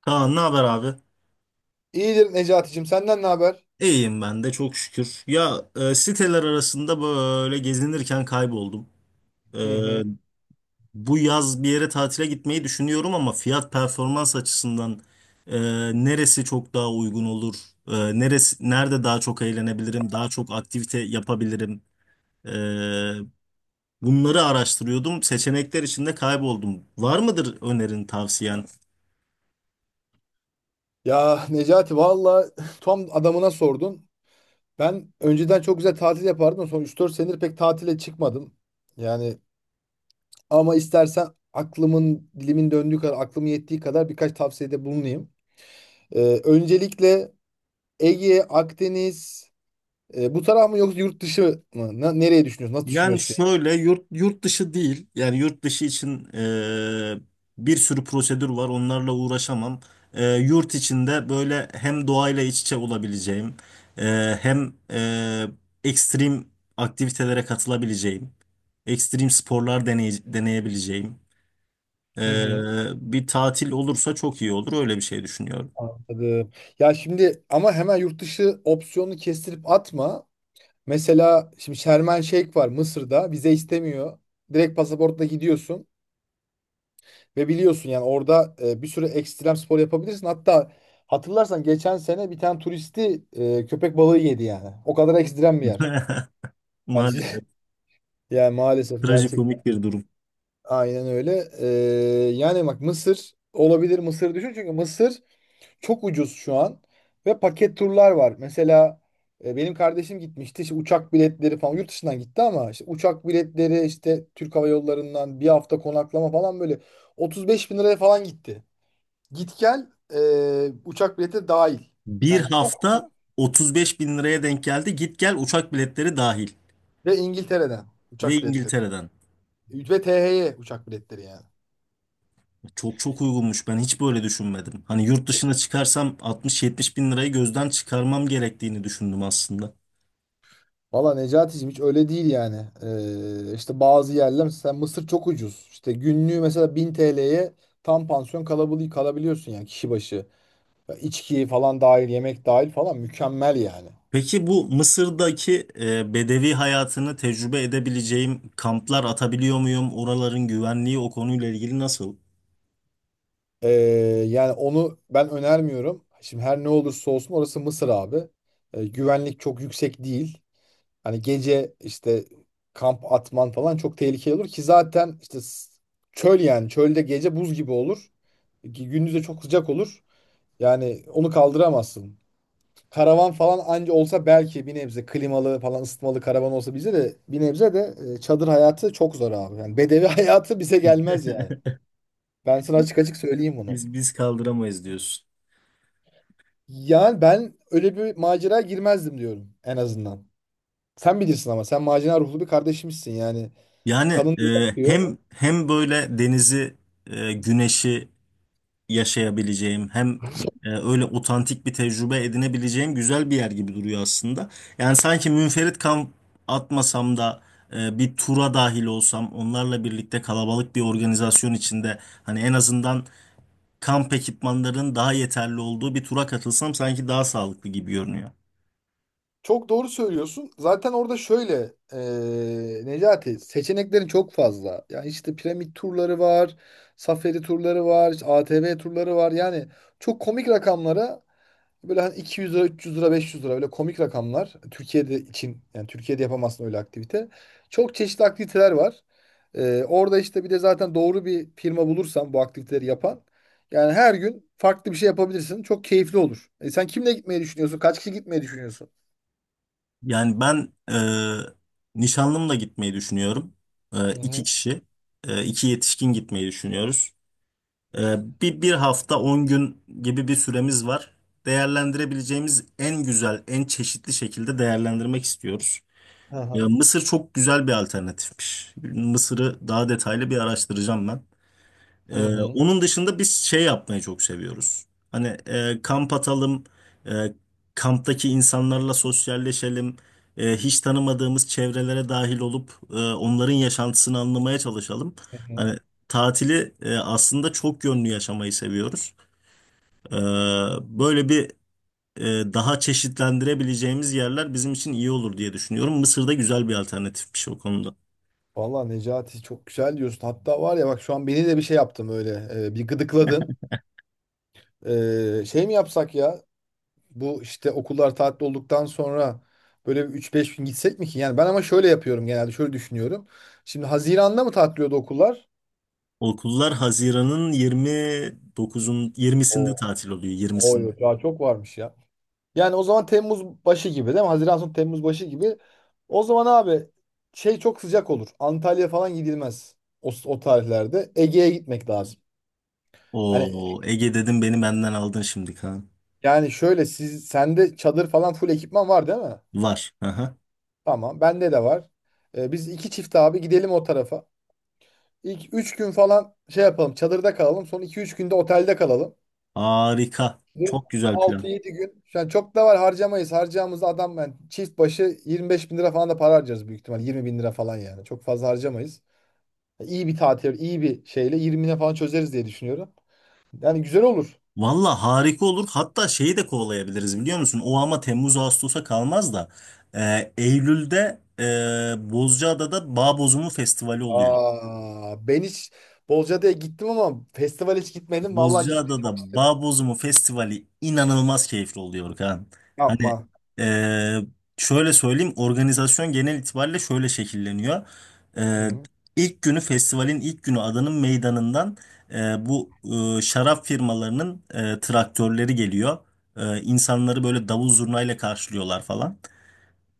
Kaan, ne haber abi? İyidir Necati'cim. Senden ne haber? İyiyim ben de çok şükür. Siteler arasında böyle gezinirken kayboldum. E, Hı hı. Bu yaz bir yere tatile gitmeyi düşünüyorum ama fiyat performans açısından e, neresi çok daha uygun olur? Neresi, nerede daha çok eğlenebilirim? Daha çok aktivite yapabilirim? E, Bunları araştırıyordum. Seçenekler içinde kayboldum. Var mıdır önerin, tavsiyen? Ya Necati valla tam adamına sordun. Ben önceden çok güzel tatil yapardım. Son üç 4 senedir pek tatile çıkmadım. Yani ama istersen aklımın dilimin döndüğü kadar, aklım yettiği kadar birkaç tavsiyede bulunayım. Öncelikle Ege, Akdeniz. Bu taraf mı yoksa yurt dışı mı? Nereye düşünüyorsun? Nasıl Yani düşünüyorsun? şöyle, yurt dışı değil. Yani yurt dışı için bir sürü prosedür var. Onlarla uğraşamam. Yurt içinde böyle hem doğayla iç içe olabileceğim, e, hem e, ekstrem aktivitelere katılabileceğim, ekstrem sporlar deneyebileceğim. Hı hı. Ee, Bir tatil olursa çok iyi olur. Öyle bir şey düşünüyorum. Anladım. Ya şimdi ama hemen yurt dışı opsiyonunu kestirip atma. Mesela şimdi Şermen Şeyh var Mısır'da. Vize istemiyor. Direkt pasaportla gidiyorsun. Ve biliyorsun yani orada bir sürü ekstrem spor yapabilirsin. Hatta hatırlarsan geçen sene bir tane turisti köpek balığı yedi yani. O kadar ekstrem bir yer. Yani, siz- Maalesef. yani maalesef gerçekten Trajikomik bir durum. aynen öyle. Yani bak Mısır olabilir, Mısır düşün. Çünkü Mısır çok ucuz şu an. Ve paket turlar var. Mesela benim kardeşim gitmişti. İşte uçak biletleri falan yurt dışından gitti ama işte uçak biletleri işte Türk Hava Yolları'ndan bir hafta konaklama falan böyle 35 bin liraya falan gitti. Git gel uçak bileti dahil. Bir Yani çok. hafta 35 bin liraya denk geldi. Git gel uçak biletleri dahil. Ve İngiltere'den Ve uçak biletleri. İngiltere'den. Ve THY uçak biletleri yani. Çok çok uygunmuş. Ben hiç böyle düşünmedim. Hani yurt dışına çıkarsam 60-70 bin lirayı gözden çıkarmam gerektiğini düşündüm aslında. Valla Necati'cim hiç öyle değil yani. İşte bazı yerler mesela Mısır çok ucuz. İşte günlüğü mesela 1000 TL'ye tam pansiyon kalabiliyorsun yani kişi başı. Ya İçki falan dahil, yemek dahil falan mükemmel yani. Peki bu Mısır'daki bedevi hayatını tecrübe edebileceğim kamplar atabiliyor muyum? Oraların güvenliği o konuyla ilgili nasıl? Ee, Yani onu ben önermiyorum. Şimdi her ne olursa olsun orası Mısır abi. Güvenlik çok yüksek değil. Hani gece işte kamp atman falan çok tehlikeli olur ki zaten işte çöl, yani çölde gece buz gibi olur. Ki gündüz de çok sıcak olur. Yani onu kaldıramazsın. Karavan falan anca olsa belki bir nebze klimalı falan ısıtmalı karavan olsa bize de bir nebze de çadır hayatı çok zor abi. Yani bedevi hayatı bize gelmez yani. Ben sana açık açık söyleyeyim bunu. Biz kaldıramayız diyorsun. Yani ben öyle bir macera girmezdim diyorum en azından. Sen bilirsin ama sen macera ruhlu bir kardeşimsin yani. Yani Kanın da e, akıyor. hem hem böyle denizi, güneşi yaşayabileceğim, hem öyle otantik bir tecrübe edinebileceğim güzel bir yer gibi duruyor aslında. Yani sanki münferit kamp atmasam da bir tura dahil olsam, onlarla birlikte kalabalık bir organizasyon içinde hani en azından kamp ekipmanlarının daha yeterli olduğu bir tura katılsam sanki daha sağlıklı gibi görünüyor. Çok doğru söylüyorsun. Zaten orada şöyle Necati, seçeneklerin çok fazla. Yani işte piramit turları var, safari turları var, işte ATV turları var. Yani çok komik rakamlara, böyle hani 200 lira, 300 lira, 500 lira, öyle komik rakamlar. Türkiye'de için yani Türkiye'de yapamazsın öyle aktivite. Çok çeşitli aktiviteler var. Orada işte bir de zaten doğru bir firma bulursan bu aktiviteleri yapan, yani her gün farklı bir şey yapabilirsin. Çok keyifli olur. Sen kimle gitmeyi düşünüyorsun? Kaç kişi gitmeyi düşünüyorsun? Yani ben nişanlımla gitmeyi düşünüyorum. İki kişi, iki yetişkin gitmeyi düşünüyoruz. Bir hafta, on gün gibi bir süremiz var. Değerlendirebileceğimiz en güzel, en çeşitli şekilde değerlendirmek istiyoruz. Hı Ya, hı. Mısır çok güzel bir alternatifmiş. Mısır'ı daha detaylı bir araştıracağım ben. Hı hı. Onun dışında biz şey yapmayı çok seviyoruz. Hani kamp atalım, e, kamptaki insanlarla sosyalleşelim, hiç tanımadığımız çevrelere dahil olup onların yaşantısını anlamaya çalışalım. Hı hı. Hani tatili aslında çok yönlü yaşamayı seviyoruz. Ee, Böyle bir daha çeşitlendirebileceğimiz yerler bizim için iyi olur diye düşünüyorum. Mısır'da güzel bir alternatifmiş o konuda. Valla Necati çok güzel diyorsun. Hatta var ya bak, şu an beni de bir şey yaptım öyle. Bir gıdıkladın. Şey mi yapsak ya? Bu işte okullar tatil olduktan sonra böyle bir 3-5 gün gitsek mi ki? Yani ben ama şöyle yapıyorum genelde. Şöyle düşünüyorum. Şimdi Haziran'da mı tatiliyordu okullar? Okullar Haziran'ın 29'un 20'sinde O, tatil oluyor, 20'sinde. oy, daha çok varmış ya. Yani o zaman Temmuz başı gibi değil mi? Haziran sonu Temmuz başı gibi. O zaman abi, şey, çok sıcak olur. Antalya falan gidilmez. O tarihlerde. Ege'ye gitmek lazım. Hani O, Ege dedim, beni benden aldın şimdi Kaan. yani şöyle, sende çadır falan full ekipman var değil mi? Var. Aha. Tamam. Bende de var. Biz 2 çift abi gidelim o tarafa. İlk 3 gün falan şey yapalım. Çadırda kalalım. Son 2-3 günde otelde kalalım. Harika. Çok güzel Altı plan. yedi gün. Yani çok da var harcamayız. Harcayacağımız adam, yani çift başı 25 bin lira falan da para harcarız büyük ihtimal. 20 bin lira falan yani. Çok fazla harcamayız. İyi bir tatil, iyi bir şeyle 20'ne falan çözeriz diye düşünüyorum. Yani güzel olur. Valla harika olur. Hatta şeyi de kovalayabiliriz, biliyor musun? O ama Temmuz Ağustos'a kalmaz da Eylül'de Bozcaada'da Bağ Bozumu Festivali oluyor. Aa, ben hiç Bolca'da gittim ama festival hiç gitmedim. Vallahi gitmeyi çok Bozcaada'da isterim. Bağ Bozumu Festivali inanılmaz keyifli oluyor Kaan. Hani Yapma. eee, şöyle söyleyeyim, organizasyon genel itibariyle şöyle şekilleniyor. Hı Eee hı. ilk günü, festivalin ilk günü, adanın meydanından bu şarap firmalarının traktörleri geliyor. İnsanları böyle davul zurnayla karşılıyorlar falan.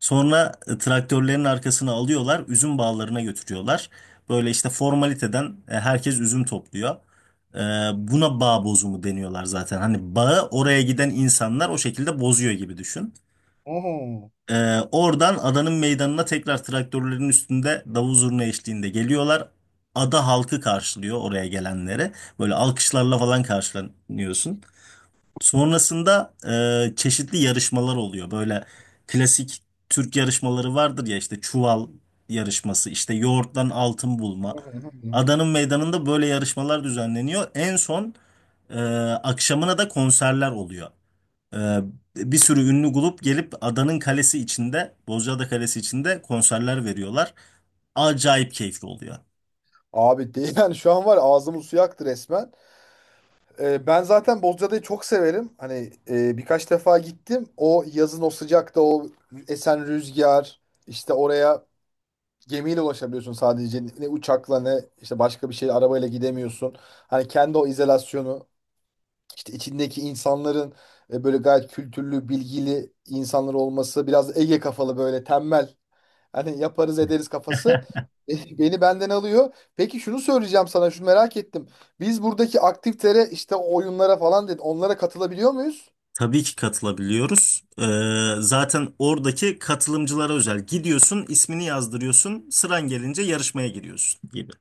Sonra traktörlerin arkasına alıyorlar, üzüm bağlarına götürüyorlar. Böyle işte formaliteden herkes üzüm topluyor. E, Buna bağ bozumu deniyorlar zaten. Hani bağı, oraya giden insanlar o şekilde bozuyor gibi düşün. Oho. Oradan adanın meydanına tekrar traktörlerin üstünde davul zurna eşliğinde geliyorlar. Ada halkı karşılıyor oraya gelenleri. Böyle alkışlarla falan karşılanıyorsun. Sonrasında çeşitli yarışmalar oluyor. Böyle klasik Türk yarışmaları vardır ya, işte çuval yarışması, işte yoğurttan altın Hı bulma. hı hı. Adanın meydanında böyle yarışmalar düzenleniyor. En son e, akşamına da konserler oluyor. E, Bir sürü ünlü grup gelip adanın kalesi içinde, Bozcaada Kalesi içinde konserler veriyorlar. Acayip keyifli oluyor. Abi değil, yani şu an var ya, ağzımın suyu aktı resmen. Ben zaten Bozcaada'yı çok severim. Hani birkaç defa gittim. O yazın o sıcakta, o esen rüzgar, işte oraya gemiyle ulaşabiliyorsun sadece. Ne uçakla ne işte başka bir şey, arabayla gidemiyorsun. Hani kendi o izolasyonu. İşte içindeki insanların böyle gayet kültürlü, bilgili insanlar olması, biraz Ege kafalı, böyle tembel. Hani yaparız ederiz kafası beni benden alıyor. Peki şunu söyleyeceğim sana, şunu merak ettim. Biz buradaki aktivitelere, işte o oyunlara falan dedi, onlara katılabiliyor muyuz? Tabii ki katılabiliyoruz. Zaten oradaki katılımcılara özel. Gidiyorsun, ismini yazdırıyorsun, sıran gelince yarışmaya giriyorsun gibi.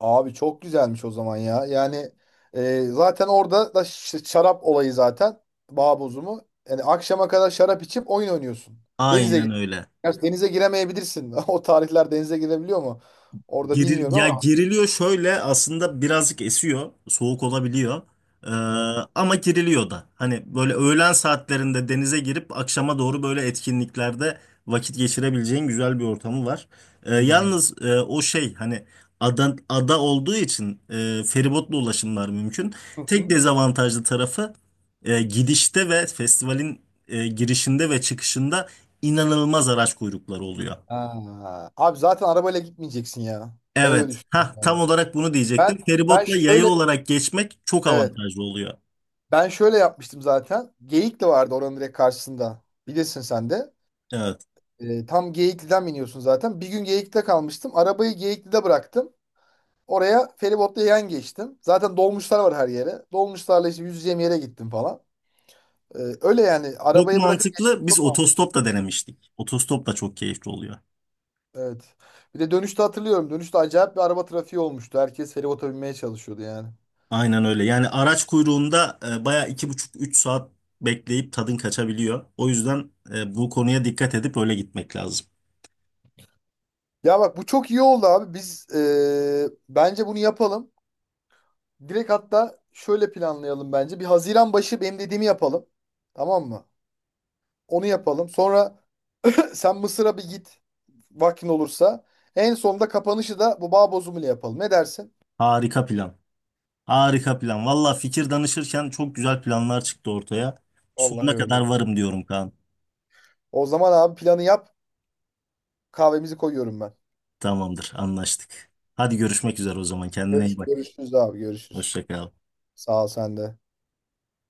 Abi çok güzelmiş o zaman ya. Yani zaten orada da şarap olayı zaten. Bağ bozumu. Yani akşama kadar şarap içip oyun oynuyorsun. Denize Aynen öyle. Gerçi denize giremeyebilirsin. O tarihler denize girebiliyor mu? Orada bilmiyorum Ya, ama. geriliyor şöyle aslında, birazcık esiyor. Soğuk olabiliyor. Ee, Hı hı. Ama geriliyor da. Hani böyle öğlen saatlerinde denize girip akşama doğru böyle etkinliklerde vakit geçirebileceğin güzel bir ortamı var. Hmm. Yalnız o şey hani ada olduğu için feribotla ulaşımlar mümkün. Hı Tek hı. dezavantajlı tarafı gidişte ve festivalin girişinde ve çıkışında inanılmaz araç kuyrukları oluyor. Aa, abi zaten arabayla gitmeyeceksin ya. Ben öyle Evet. düşünüyorum Ha, tam yani. olarak bunu Ben diyecektim. ben Feribotla yaya şöyle, olarak geçmek çok evet. avantajlı oluyor. Ben şöyle yapmıştım zaten. Geyikli vardı oranın direkt karşısında. Bilirsin sen de. Evet. Tam Geyikli'den biniyorsun zaten. Bir gün Geyikli'de kalmıştım. Arabayı Geyikli'de bıraktım. Oraya feribotla yan geçtim. Zaten dolmuşlar var her yere. Dolmuşlarla işte yüzeceğim yere gittim falan. Öyle yani, Çok arabayı bırakıp geçmek mantıklı. Biz çok. otostop da denemiştik. Otostop da çok keyifli oluyor. Evet. Bir de dönüşte hatırlıyorum. Dönüşte acayip bir araba trafiği olmuştu. Herkes feribota binmeye çalışıyordu yani. Aynen öyle. Yani araç kuyruğunda baya iki buçuk üç saat bekleyip tadın kaçabiliyor. O yüzden bu konuya dikkat edip öyle gitmek lazım. Ya bak bu çok iyi oldu abi. Biz bence bunu yapalım. Direkt hatta şöyle planlayalım bence. Bir Haziran başı benim dediğimi yapalım. Tamam mı? Onu yapalım. Sonra sen Mısır'a bir git. Vaktin olursa. En sonunda kapanışı da bu bağ bozumu ile yapalım. Ne dersin? Harika plan. Harika plan. Valla, fikir danışırken çok güzel planlar çıktı ortaya. Vallahi Sonuna kadar öyle. varım diyorum Kaan. O zaman abi planı yap. Kahvemizi koyuyorum ben. Tamamdır, anlaştık. Hadi, görüşmek üzere o zaman. Kendine iyi Görüşürüz. bak. Görüşürüz abi. Görüşürüz. Hoşça kal. Sağ ol sen de.